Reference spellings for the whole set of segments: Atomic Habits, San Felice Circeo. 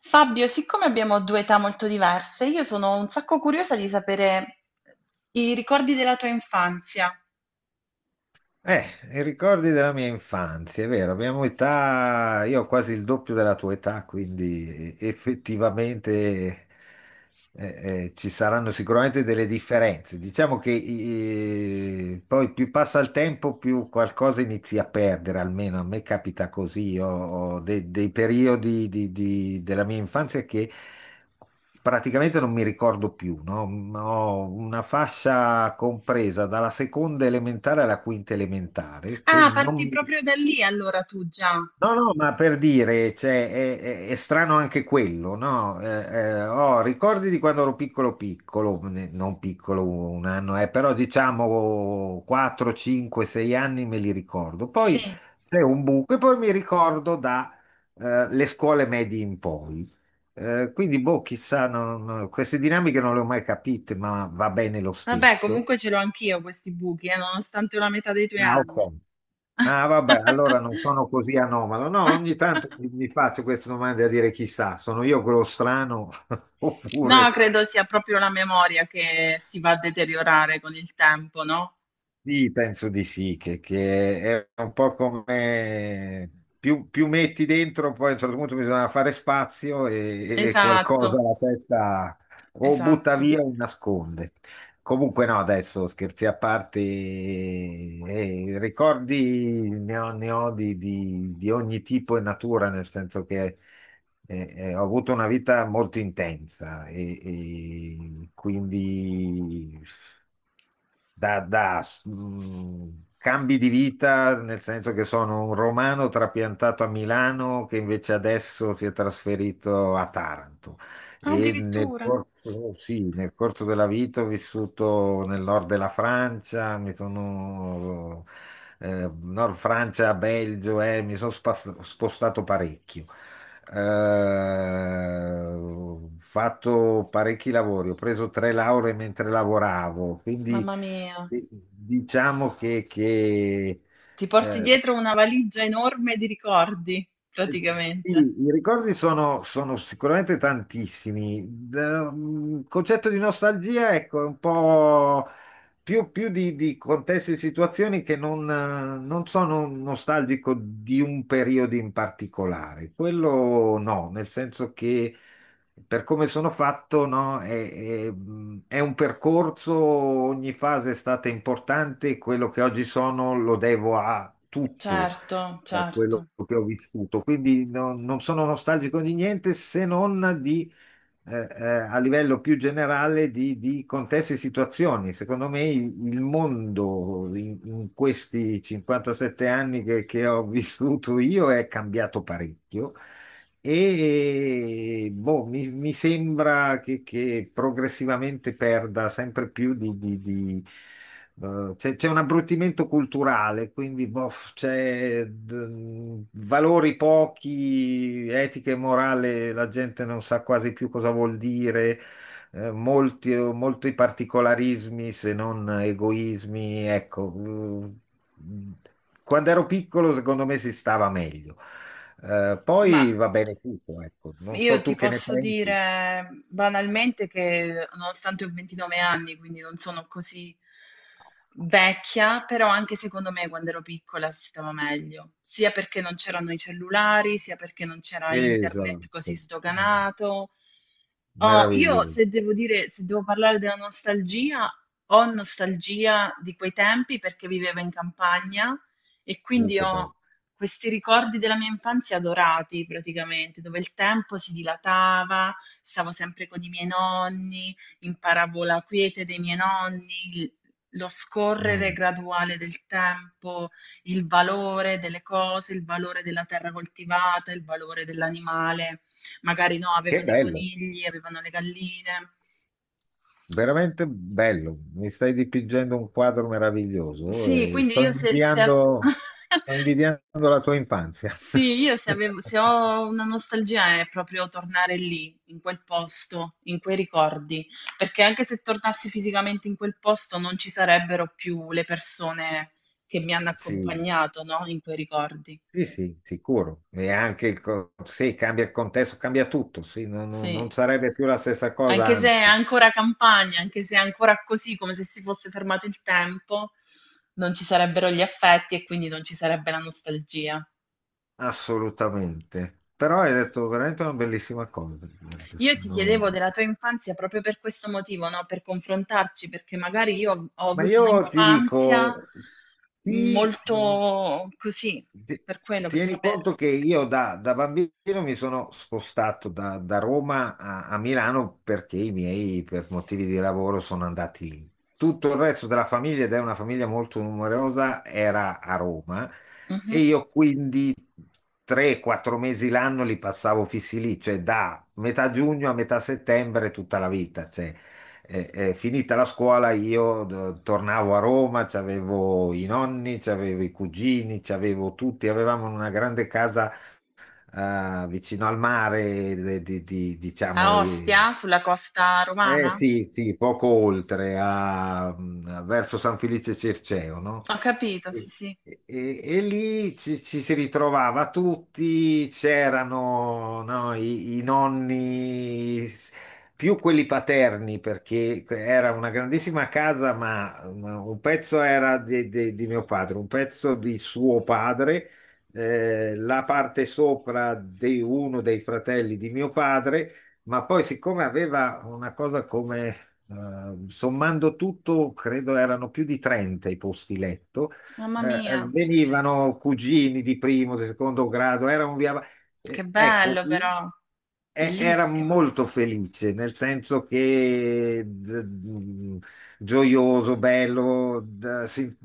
Fabio, siccome abbiamo due età molto diverse, io sono un sacco curiosa di sapere i ricordi della tua infanzia. Eh, i ricordi della mia infanzia, è vero, abbiamo età, io ho quasi il doppio della tua età, quindi effettivamente ci saranno sicuramente delle differenze. Diciamo che poi più passa il tempo, più qualcosa inizi a perdere, almeno a me capita così. Io ho dei periodi della mia infanzia che praticamente non mi ricordo più, no? Ho una fascia compresa dalla seconda elementare alla quinta elementare che Ah, parti non. proprio da lì allora tu già. No, no, ma per dire, cioè, è, è strano anche quello, no? Ho ricordi di quando ero piccolo, piccolo, non piccolo un anno, però diciamo 4, 5, 6 anni me li ricordo. Sì. Poi c'è un buco e poi mi ricordo da le scuole medie in poi. Quindi, boh, chissà, queste dinamiche non le ho mai capite, ma va bene lo Vabbè, stesso. comunque ce l'ho anch'io questi buchi, nonostante la metà dei tuoi Ah, ok. anni. Ah, vabbè, allora non sono così anomalo. No, ogni tanto mi faccio queste domande a dire chissà, sono io quello strano oppure. No, credo sia proprio la memoria che si va a deteriorare con il tempo, no? Sì, penso di sì, che è un po' come più metti dentro, poi a un certo punto bisogna fare spazio e Esatto, qualcosa la testa o butta esatto. via o nasconde. Comunque no, adesso scherzi a parte, ricordi ne ho, ne ho di ogni tipo e natura, nel senso che ho avuto una vita molto intensa e quindi cambi di vita, nel senso che sono un romano trapiantato a Milano che invece adesso si è trasferito a Taranto. E nel Addirittura. corso, sì, nel corso della vita ho vissuto nel nord della Francia, mi sono, nord Francia, Belgio, mi sono spostato parecchio. Ho fatto parecchi lavori, ho preso tre lauree mentre lavoravo, quindi. Mamma mia. Diciamo Ti porti eh, dietro una valigia enorme di ricordi, eh, praticamente. sì, i ricordi sono, sono sicuramente tantissimi. Il concetto di nostalgia, ecco, è un po' più di, contesti e situazioni che non, non sono nostalgico di un periodo in particolare. Quello no, nel senso che per come sono fatto, no, è, è un percorso, ogni fase è stata importante, quello che oggi sono lo devo a tutto Certo, per quello certo. che ho vissuto. Quindi non sono nostalgico di niente se non di, eh, eh, a livello più generale di, contesti e situazioni. Secondo me il mondo in, in questi 57 anni che ho vissuto io è cambiato parecchio. E boh, mi sembra che, progressivamente perda sempre più. C'è un abbruttimento culturale, quindi boh, c'è valori pochi, etica e morale, la gente non sa quasi più cosa vuol dire, molti, molti particolarismi se non egoismi. Ecco, quando ero piccolo, secondo me si stava meglio. Ma Poi va bene tutto, ecco. Non io so ti tu che ne posso pensi. dire banalmente che nonostante ho 29 anni, quindi non sono così vecchia, però anche secondo me quando ero piccola si stava meglio, sia perché non c'erano i cellulari, sia perché non c'era Esatto. internet così sdoganato. Oh, io Meraviglioso. se devo dire, se devo parlare della nostalgia, ho nostalgia di quei tempi perché vivevo in campagna e quindi Che bello. ho questi ricordi della mia infanzia dorati praticamente, dove il tempo si dilatava, stavo sempre con i miei nonni, imparavo la quiete dei miei nonni, il lo scorrere Mm. graduale del tempo, il valore delle cose, il valore della terra coltivata, il valore dell'animale. Magari no, Che avevano i bello, conigli, avevano le galline. veramente bello. Mi stai dipingendo un quadro meraviglioso Sì, e quindi io se, sto invidiando la tua infanzia. sì, io se avevo se ho una nostalgia è proprio tornare lì, in quel posto, in quei ricordi, perché anche se tornassi fisicamente in quel posto non ci sarebbero più le persone che mi hanno Sì, accompagnato, no, in quei ricordi. sì, sì, sicuro. E anche, il sì, cambia il contesto, cambia tutto, sì, non, Sì. non sarebbe più la stessa cosa, Anche se è anzi, ancora campagna, anche se è ancora così, come se si fosse fermato il tempo, non ci sarebbero gli affetti e quindi non ci sarebbe la nostalgia. assolutamente. Però hai detto veramente una bellissima cosa. Io ti Sono- chiedevo della tua infanzia proprio per questo motivo, no? Per confrontarci, perché magari io ho, ho Ma avuto io ti un'infanzia dico, sì. molto così, Ti- per quello, per Tieni sapere. conto che io da bambino mi sono spostato da Roma a Milano perché i miei, per motivi di lavoro, sono andati lì. Tutto il resto della famiglia, ed è una famiglia molto numerosa, era a Roma Mhm. e io quindi 3-4 mesi l'anno li passavo fissi lì, cioè da metà giugno a metà settembre tutta la vita. Cioè, finita la scuola io tornavo a Roma, c'avevo i nonni, c'avevo i cugini, c'avevo tutti, avevamo una grande casa vicino al mare, diciamo. A E Ostia, sulla costa eh romana? sì, sì, poco oltre, verso San Felice Circeo, no? Ho capito, sì, E, sì. E lì ci, si ritrovava tutti, c'erano no, i, nonni, più quelli paterni, perché era una grandissima casa, ma un pezzo era di, mio padre, un pezzo di suo padre, la parte sopra di uno dei fratelli di mio padre, ma poi, siccome aveva una cosa come, sommando tutto, credo erano più di 30 i posti letto, Mamma mia, venivano cugini di primo, di secondo grado, era un via. che eh, ecco, bello però, Era bellissimo. molto felice, nel senso che gioioso, bello,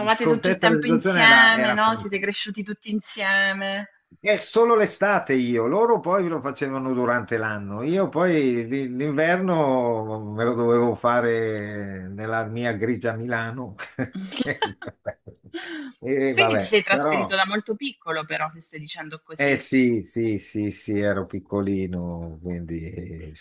il tutto il contesto della tempo situazione insieme, era no? Siete cresciuti tutti insieme. è solo l'estate, io, loro poi lo facevano durante l'anno, io poi l'inverno me lo dovevo fare nella mia grigia Milano. E Quindi ti vabbè, sei trasferito però, da molto piccolo, però, se stai dicendo eh così. sì, sì, sì, sì, ero piccolino, quindi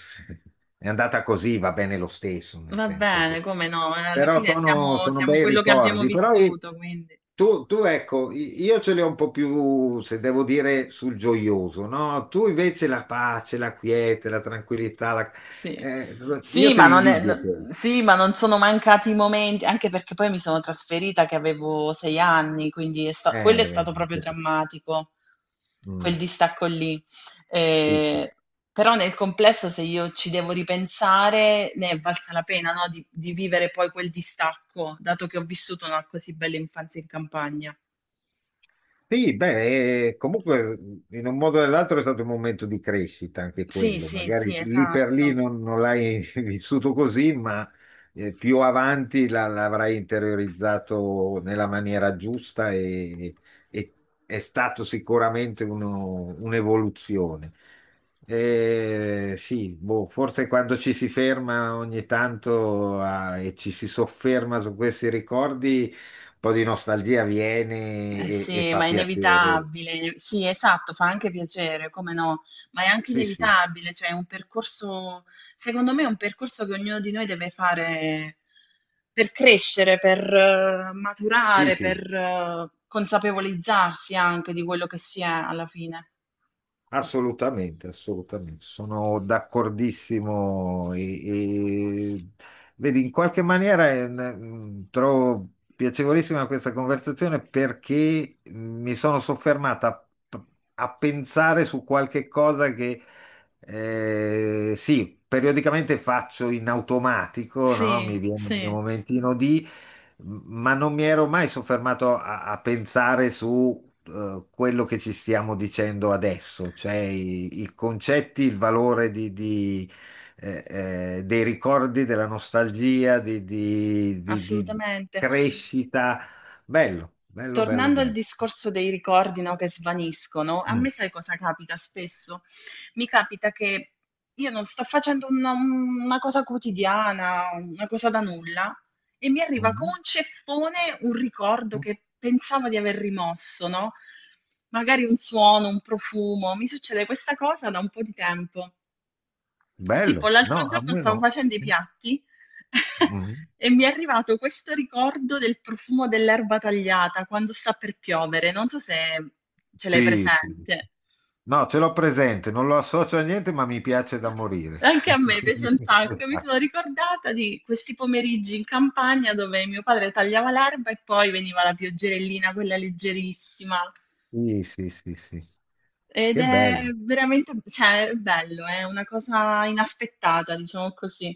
è andata così, va bene lo stesso, nel Va senso bene, che. come no? Alla Però fine siamo, sono siamo bei quello che abbiamo ricordi, però. Vissuto, quindi. Tu, ecco, io ce l'ho un po' più, se devo dire, sul gioioso, no? Tu invece la pace, la quiete, la tranquillità, Sì. eh, io Sì, te ma li non è- no- invidio quelli. sì, ma non sono mancati momenti, anche perché poi mi sono trasferita che avevo 6 anni, quindi quello è stato Vedi. proprio drammatico, quel Mm, distacco lì. sì, sì. Eh, però nel complesso, se io ci devo ripensare, ne è valsa la pena, no? Di vivere poi quel distacco, dato che ho vissuto una così bella infanzia in campagna. Sì, beh, comunque in un modo o nell'altro è stato un momento di crescita anche Sì, quello, sì, magari sì, lì per lì esatto. Non l'hai vissuto così, ma più avanti l'avrai interiorizzato nella maniera giusta e è stato sicuramente un'evoluzione. Sì, boh, forse quando ci si ferma ogni tanto e ci si sofferma su questi ricordi po' di nostalgia viene Eh e sì, fa ma è piacere. inevitabile. Sì, esatto, fa anche piacere, come no, ma è anche Sì, sì, inevitabile, cioè è un percorso, secondo me è un percorso che ognuno di noi deve fare per crescere, per sì, maturare, per sì, consapevolizzarsi anche di quello che si è alla fine. assolutamente, assolutamente. Sono d'accordissimo. Vedi, in qualche maniera trovo piacevolissima questa conversazione perché mi sono soffermata a pensare su qualche cosa che. Sì, periodicamente faccio in automatico, no? Mi Sì, viene un sì, momentino di, ma non mi ero mai soffermato a pensare su quello che ci stiamo dicendo adesso, cioè i concetti, il valore eh, dei ricordi, della nostalgia, di, assolutamente. crescita. Bello, bello, bello, Tornando al bello. discorso dei ricordi, no, che svaniscono, a Mm. me sai cosa capita spesso? Mi capita che io non sto facendo una cosa quotidiana, una cosa da nulla, e mi arriva con Mhm. un ceffone un ricordo che pensavo di aver rimosso, no? Magari un suono, un profumo. Mi succede questa cosa da un po' di tempo. Tipo Bello, l'altro no, a giorno me stavo no. facendo i Mm. piatti Mm. e mi è arrivato questo ricordo del profumo dell'erba tagliata quando sta per piovere. Non so se ce l'hai Sì, sì. presente. No, ce l'ho presente, non lo associo a niente, ma mi piace da morire. Anche a me piace Quindi, un sacco. Mi esatto. sono ricordata di questi pomeriggi in campagna dove mio padre tagliava l'erba e poi veniva la pioggerellina, quella leggerissima. Sì, sì, sì, sì. Ed Che è bello. veramente, cioè, è bello, è una cosa inaspettata, diciamo così.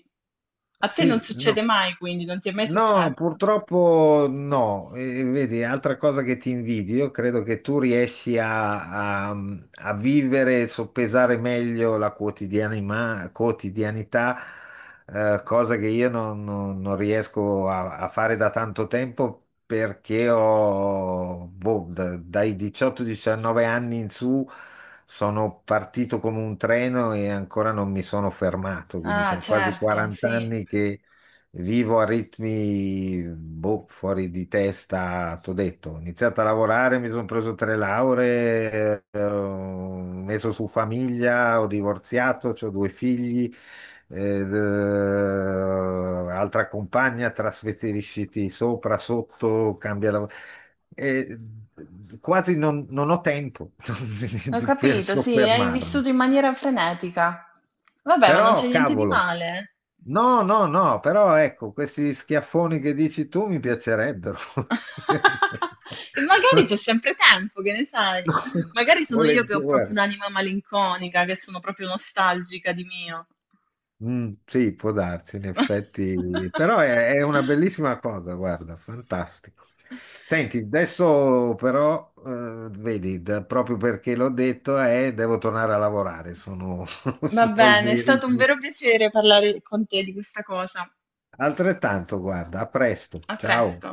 A te non Sì, succede no. mai, quindi non ti è mai No, successo. purtroppo no. E, vedi, altra cosa che ti invidio, credo che tu riesci a vivere e soppesare meglio la quotidianità, cosa che io non, non riesco a fare da tanto tempo perché ho, boh, dai 18-19 anni in su sono partito come un treno e ancora non mi sono fermato, quindi Ah, sono quasi certo, 40 sì. anni. Vivo a ritmi boh, fuori di testa, t'ho detto. Ho iniziato a lavorare, mi sono preso tre lauree, ho messo su famiglia, ho divorziato, ho due figli, ed, altra compagna, trasferisciti sopra, sotto, cambia lavoro. E quasi non ho tempo Ho per capito, sì, hai vissuto soffermarmi. in maniera frenetica. Vabbè, ma non Però, c'è niente di cavolo. male. No, no, no, però ecco, questi schiaffoni che dici tu mi piacerebbero. E magari c'è sempre tempo, che ne No, sai? Magari sono io che ho volentieri, proprio guarda. un'anima malinconica, che sono proprio nostalgica di mio. Mm, sì, può darsi, in effetti, però è una bellissima cosa, guarda, fantastico. Senti, adesso però, vedi, proprio perché l'ho detto, devo tornare a lavorare, sono, Va sono i bene, è miei stato un vero ritmi. piacere parlare con te di questa cosa. Altrettanto, guarda, a presto, A presto. ciao.